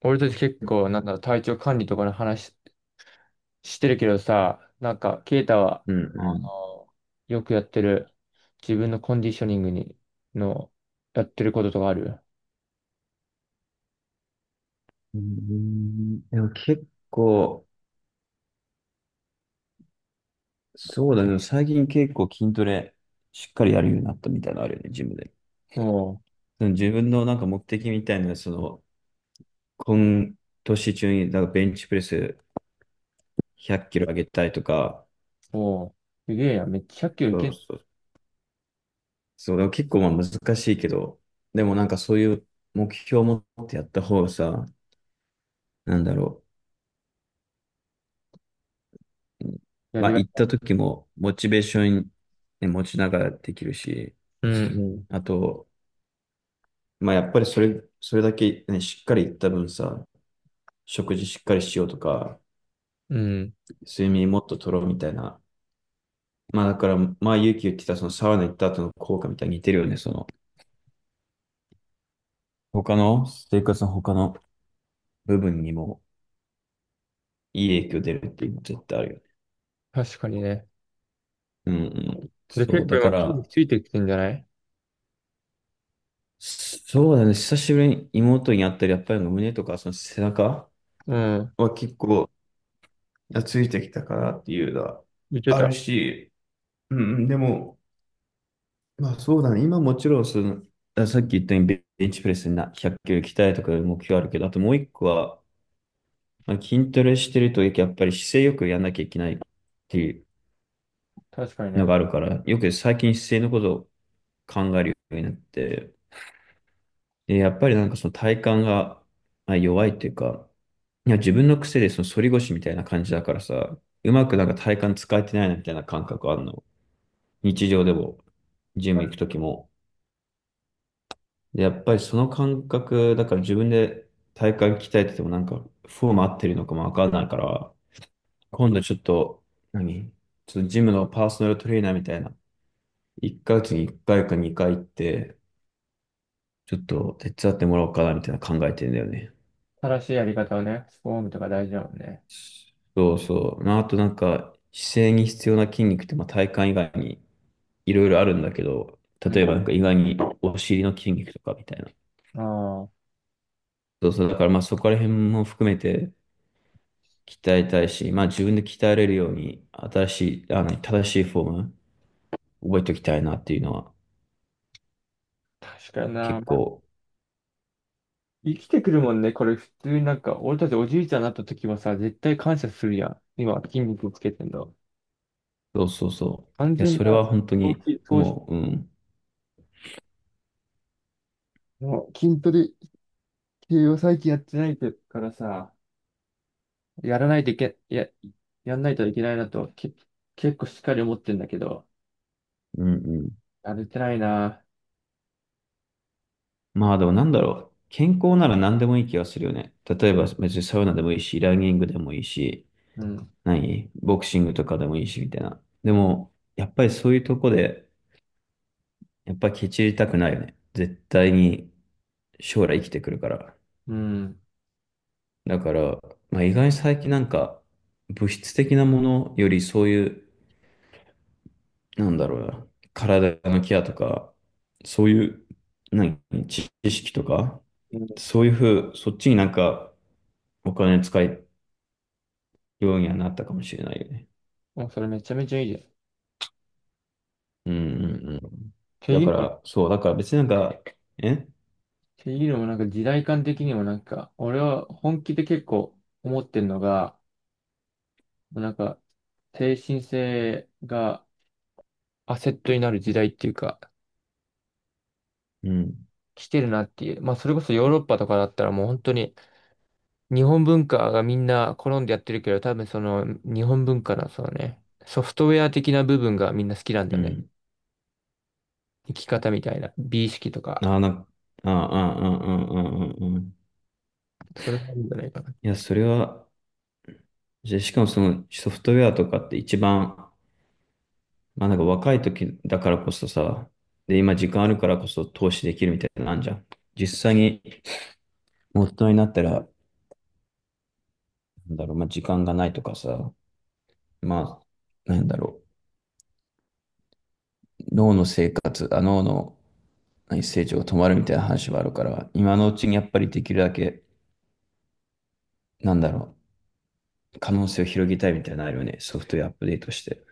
俺たち結構、なんだ、体調管理とかの話してるけどさ。ケイタは、うんうあん。の、よくやってる、自分のコンディショニングに、の、やってることとかある？うんでも結構、そうだけど、最近結構筋トレしっかりやるようになったみたいなのあるよね、ジムで。おう、その自分のなんか目的みたいな、今年中になんかベンチプレス100キロ上げたいとか。おう、すげえやん、めっちゃひゃっき0そキロいうけん。そう。そう、でも結構まあ難しいけど、でもなんかそういう目標を持ってやった方がさ、なんだろう。うんやまりあがい。行った時もモチベーション、ね、持ちながらできるし、うんあと、まあやっぱりそれ、それだけ、ね、しっかり言った分さ、食事しっかりしようとか、うん。うん。睡眠もっと取ろうみたいな。まあだから、まあ勇気言ってたそのサウナ行った後の効果みたいに似てるよね。その、他の、生活の他の部分にもいい影響出るっていうのは絶対あるよね。確かにね。うんうん。で、そう、結構だか今筋ら、肉ついてきてんじゃない？そうだね、久しぶりに妹に会ったり、やっぱり胸とかその背中うん。は結構、ついてきたかなっていうのは言ってあた。るし、うんうん、でも、まあそうだね。今もちろんその、さっき言ったようにベンチプレスにな100キロ鍛えとかいう目標あるけど、あともう一個は、まあ、筋トレしてるとやっぱり姿勢よくやんなきゃいけないっていう確かにのね。があるから、よく最近姿勢のことを考えるようになって、で、やっぱりなんかその体幹がまあ弱いっていうか、いや自分の癖でその反り腰みたいな感じだからさ、うまくなんか体幹使えてないなみたいな感覚あるの。日常でも、ジム行くときも。で、やっぱりその感覚、だから自分で体幹鍛えててもなんかフォーム合ってるのかもわかんないから、今度ちょっと、何ちょっとジムのパーソナルトレーナーみたいな、1ヶ月に1回か2回行って、ちょっと手伝ってもらおうかなみたいな考えてんだよね。正しいやり方をね、スフォームとか大事だもんね。そうそう。なとなんか、姿勢に必要な筋肉って、まあ、体幹以外にいろいろあるんだけど、う例えん。ばなんか意外にお尻の筋肉とかみたいな。あそうそう。だからまあそこら辺も含めて、鍛えたいし、まあ自分で鍛えれるように、新しい、正しいフォーム、覚えておきたいなっていうのは、あ、確かに結な。まあ構、生きてくるもんね。これ普通になんか、俺たちおじいちゃんになった時はさ、絶対感謝するやん。今、筋肉つけてんだ。そうそうそ完う。いや、全それはな本当投に、資、投資もう、うん、の筋トレ系を最近やってないからさ、やらないといけ、や、やんないといけないなと、結構しっかり思ってんだけど、うん、うん。やれてないな。まあでもなんだろう。健康なら何でもいい気がするよね。例えば別にサウナでもいいし、ランニングでもいいし、うん。ボクシングとかでもいいし、みたいな。でも、やっぱりそういうとこで、やっぱりケチりたくないよね。絶対に将来生きてくるから。うん。だから、まあ、意外に最近なんか、物質的なものよりそういう、なんだろうな、体のケアとか、そういう、何、知識とか、うん。そういうふう、そっちになんか、お金使うようにはなったかもしれないよね。もうそれめちゃめちゃいいじゃん。っうんうんうん。てだいうかのもね。ら、そう、だから別になんか、えっていうのもなんか時代感的にもなんか、俺は本気で結構思ってるのが、もうなんか、精神性がアセットになる時代っていうか、うん、来てるなっていう。まあそれこそヨーロッパとかだったらもう本当に日本文化がみんな好んでやってるけど、多分その日本文化のそのね、ソフトウェア的な部分がみんな好きなんだうよね。ん。生き方みたいな、美意識とあか、あ、ああ、ああ、ああ、ああ、ああ。それもあるんじゃないかな。いや、それは、じゃあしかもそのソフトウェアとかって一番まあなんか若い時だからこそさ、で、今時間あるからこそ投資できるみたいなのあんじゃん。実際に大人になったら、なんだろう、まあ時間がないとかさ、まあ、なんだろう、脳の生活、あ、脳の成長が止まるみたいな話はあるから、今のうちにやっぱりできるだけ、なんだろう、可能性を広げたいみたいなのあるよね、ソフトウェアアップデートして。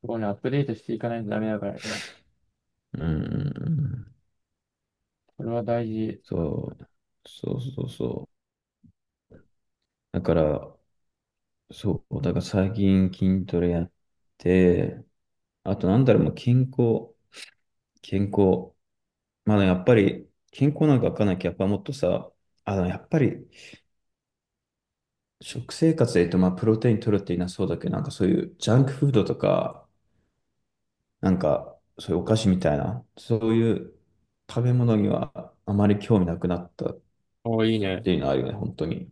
そこをね、アップデートしていかないとダメだからね。うんうんうん。それは大事。そう、そうそうそう。だから、そう、だから最近筋トレやって、あとなんだろう、もう健康、健康。まあねやっぱり健康なんかわかんないけど、やっぱもっとさ、やっぱり食生活で言うと、まあプロテイン取るって言いなそうだけど、なんかそういうジャンクフードとか、なんかそういうお菓子みたいな、そういう食べ物にはあまり興味なくなったっおー、いいね。ていうのはあるよね、本当に。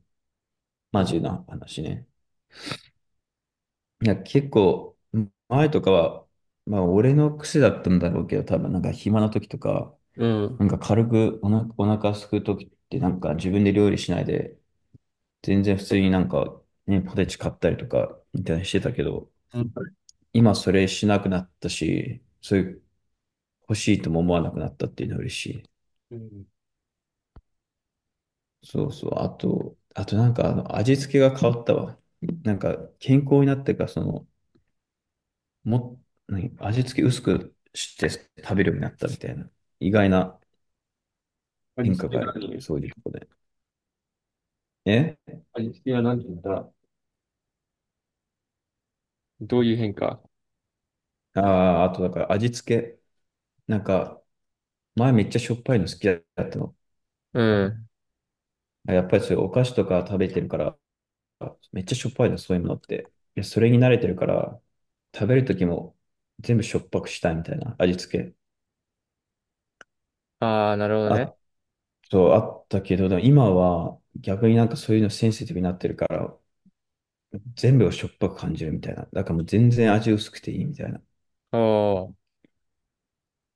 マジな話ね。いや、結構、前とかは、まあ、俺の癖だったんだろうけど、多分、なんか暇な時とか、うなん。んか軽くお腹空く時って、なんか自分で料理しないで、全然普通になんか、ね、ポテチ買ったりとか、みたいにしてたけど、うん。今それしなくなったし、そういう欲しいとも思わなくなったっていうのは嬉しい。うん。そうそう。あと、あとなんか、味付けが変わったわ。なんか、健康になってから、その、も、味付け薄くして食べるようになったみたいな、意外な味変化付があけはる。何？そういうとこで。え味付けは何て言ったら、どういう変化？ああー、あとだから味付け、なんか、前めっちゃしょっぱいの好きだったの。うん。やっぱりそういうお菓子とか食べてるから、めっちゃしょっぱいの、そういうものって。いや、それに慣れてるから、食べるときも全部しょっぱくしたいみたいな味付け。ああ、なるほどあね。と、あったけど、でも今は逆になんかそういうのセンシティブになってるから、全部をしょっぱく感じるみたいな。だからもう全然味薄くていいみたいな。おー。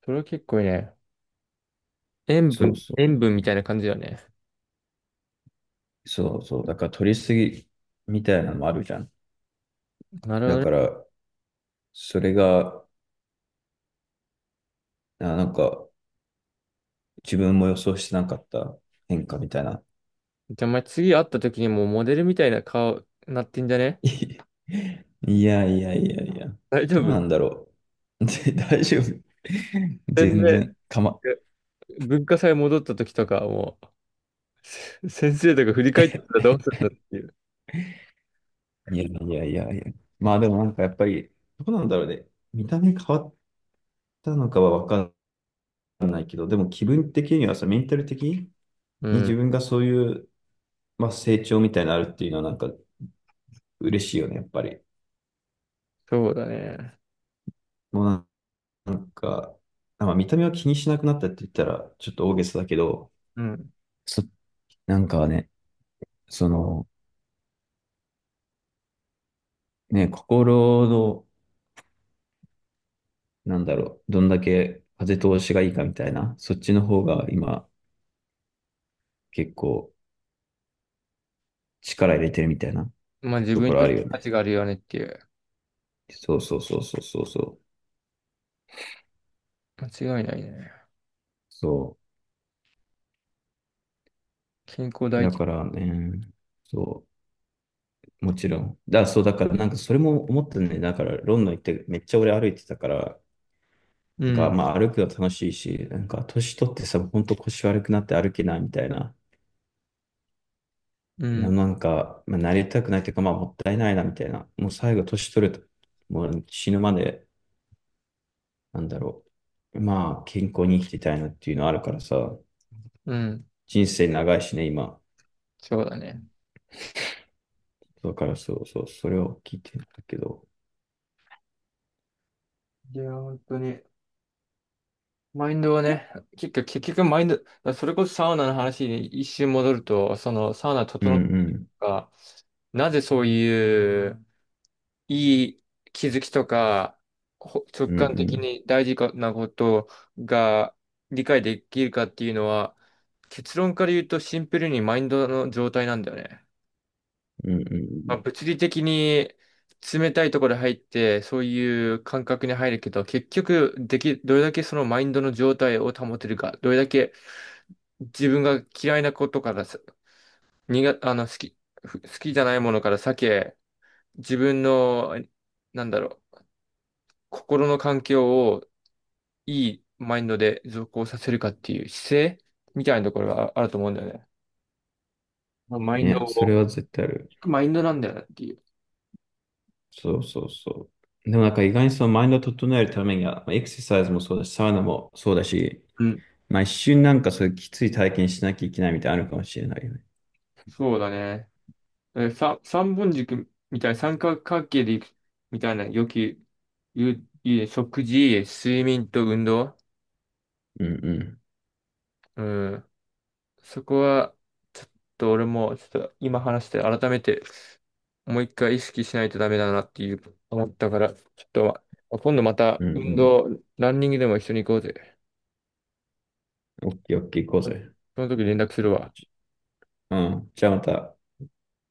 それは結構いいね。塩そう分、そう。塩分みたいな感じだよね。そうそう。だから取りすぎみたいなのもあるじゃん。なるほだどかね。ら、それが、なんか、自分も予想してなかった変化みたいな。じゃあ、お前次会った時にもうモデルみたいな顔なってんじゃ ね？いやいやいやいや。大丈どう夫？なんだろう。大丈夫。全全然、然、え、文化祭戻った時とか、もう、せ先生とか振り返ってたらどうするんだっていう。いやいやいやいや。まあでもなんかやっぱり、どうなんだろうね。見た目変わったのかはわかんないけど、でも気分的にはさ、メンタル的にうに自ん。分がそういう、まあ、成長みたいなのあるっていうのはなんか嬉しいよね、やっぱり。そうだね。もうなんか、まあ、見た目は気にしなくなったって言ったらちょっと大げさだけど、うん。そ、なんかね、その、ね、心の、なんだろう、どんだけ風通しがいいかみたいな、そっちの方が今結構力入れてるみたいなまあ自と分こにとろっあるてよ価ね。値があるよねっていう。そうそうそうそうそうそう。間違いないね。そ健康う。第だ一。からね、そう。もちろん。そう、だから、なんか、それも思ったね。だから、ロンドン行って、めっちゃ俺歩いてたから、うなんか、ん。まあ、歩くの楽しいし、なんか、年取ってさ、ほんと腰悪くなって歩けないみたいな、うん、なんか、まあ、なりたくないというか、まあ、もったいないな、みたいな。もう最後、年取ると、もう死ぬまで、なんだろう。まあ、健康に生きていたいなっていうのあるからさ、うん、人生長いしね、今。そうだね。だから、そうそう、それを聞いてんだけど。いや、本当に。マインドはね、結局、マインド、だからそれこそサウナの話に一瞬戻ると、そのサウナうん整っうたりん。とか、なぜそういういい気づきとか、ほ直うん感う的ん。に大事かなことが理解できるかっていうのは、結論から言うとシンプルにマインドの状態なんだよね。うんうまん。あ、物理的に冷たいところに入って、そういう感覚に入るけど、結局でき、どれだけそのマインドの状態を保てるか、どれだけ自分が嫌いなことからさ、苦あの、好きじゃないものから避け、自分の、なんだろう、心の環境をいいマインドで続行させるかっていう姿勢みたいなところがああると思うんだよね。まあマインドね、それを、は絶対ある。マインドなんだよなっていう。そうそうそう。でもなんか意外にそのマインドを整えるためには、まあエクササイズもそうだし、サウナもそうだし、うん。まあ一瞬なんかそういうきつい体験しなきゃいけないみたいなのあるかもしれないよね。そうだね。さ、三本軸みたいな三角関係でいくみたいな、よく言う、言う食事、睡眠と運動。うんうん。うん。そこは、ちょっと俺も、ちょっと今話して改めて、もう一回意識しないとダメだなっていう、思ったから、ちょっと、ま今度またうんう運ん。動、ランニングでも一緒に行こうぜ。オッケーオッケー行こうぜ。その時連絡するわ。うん。じゃあまた。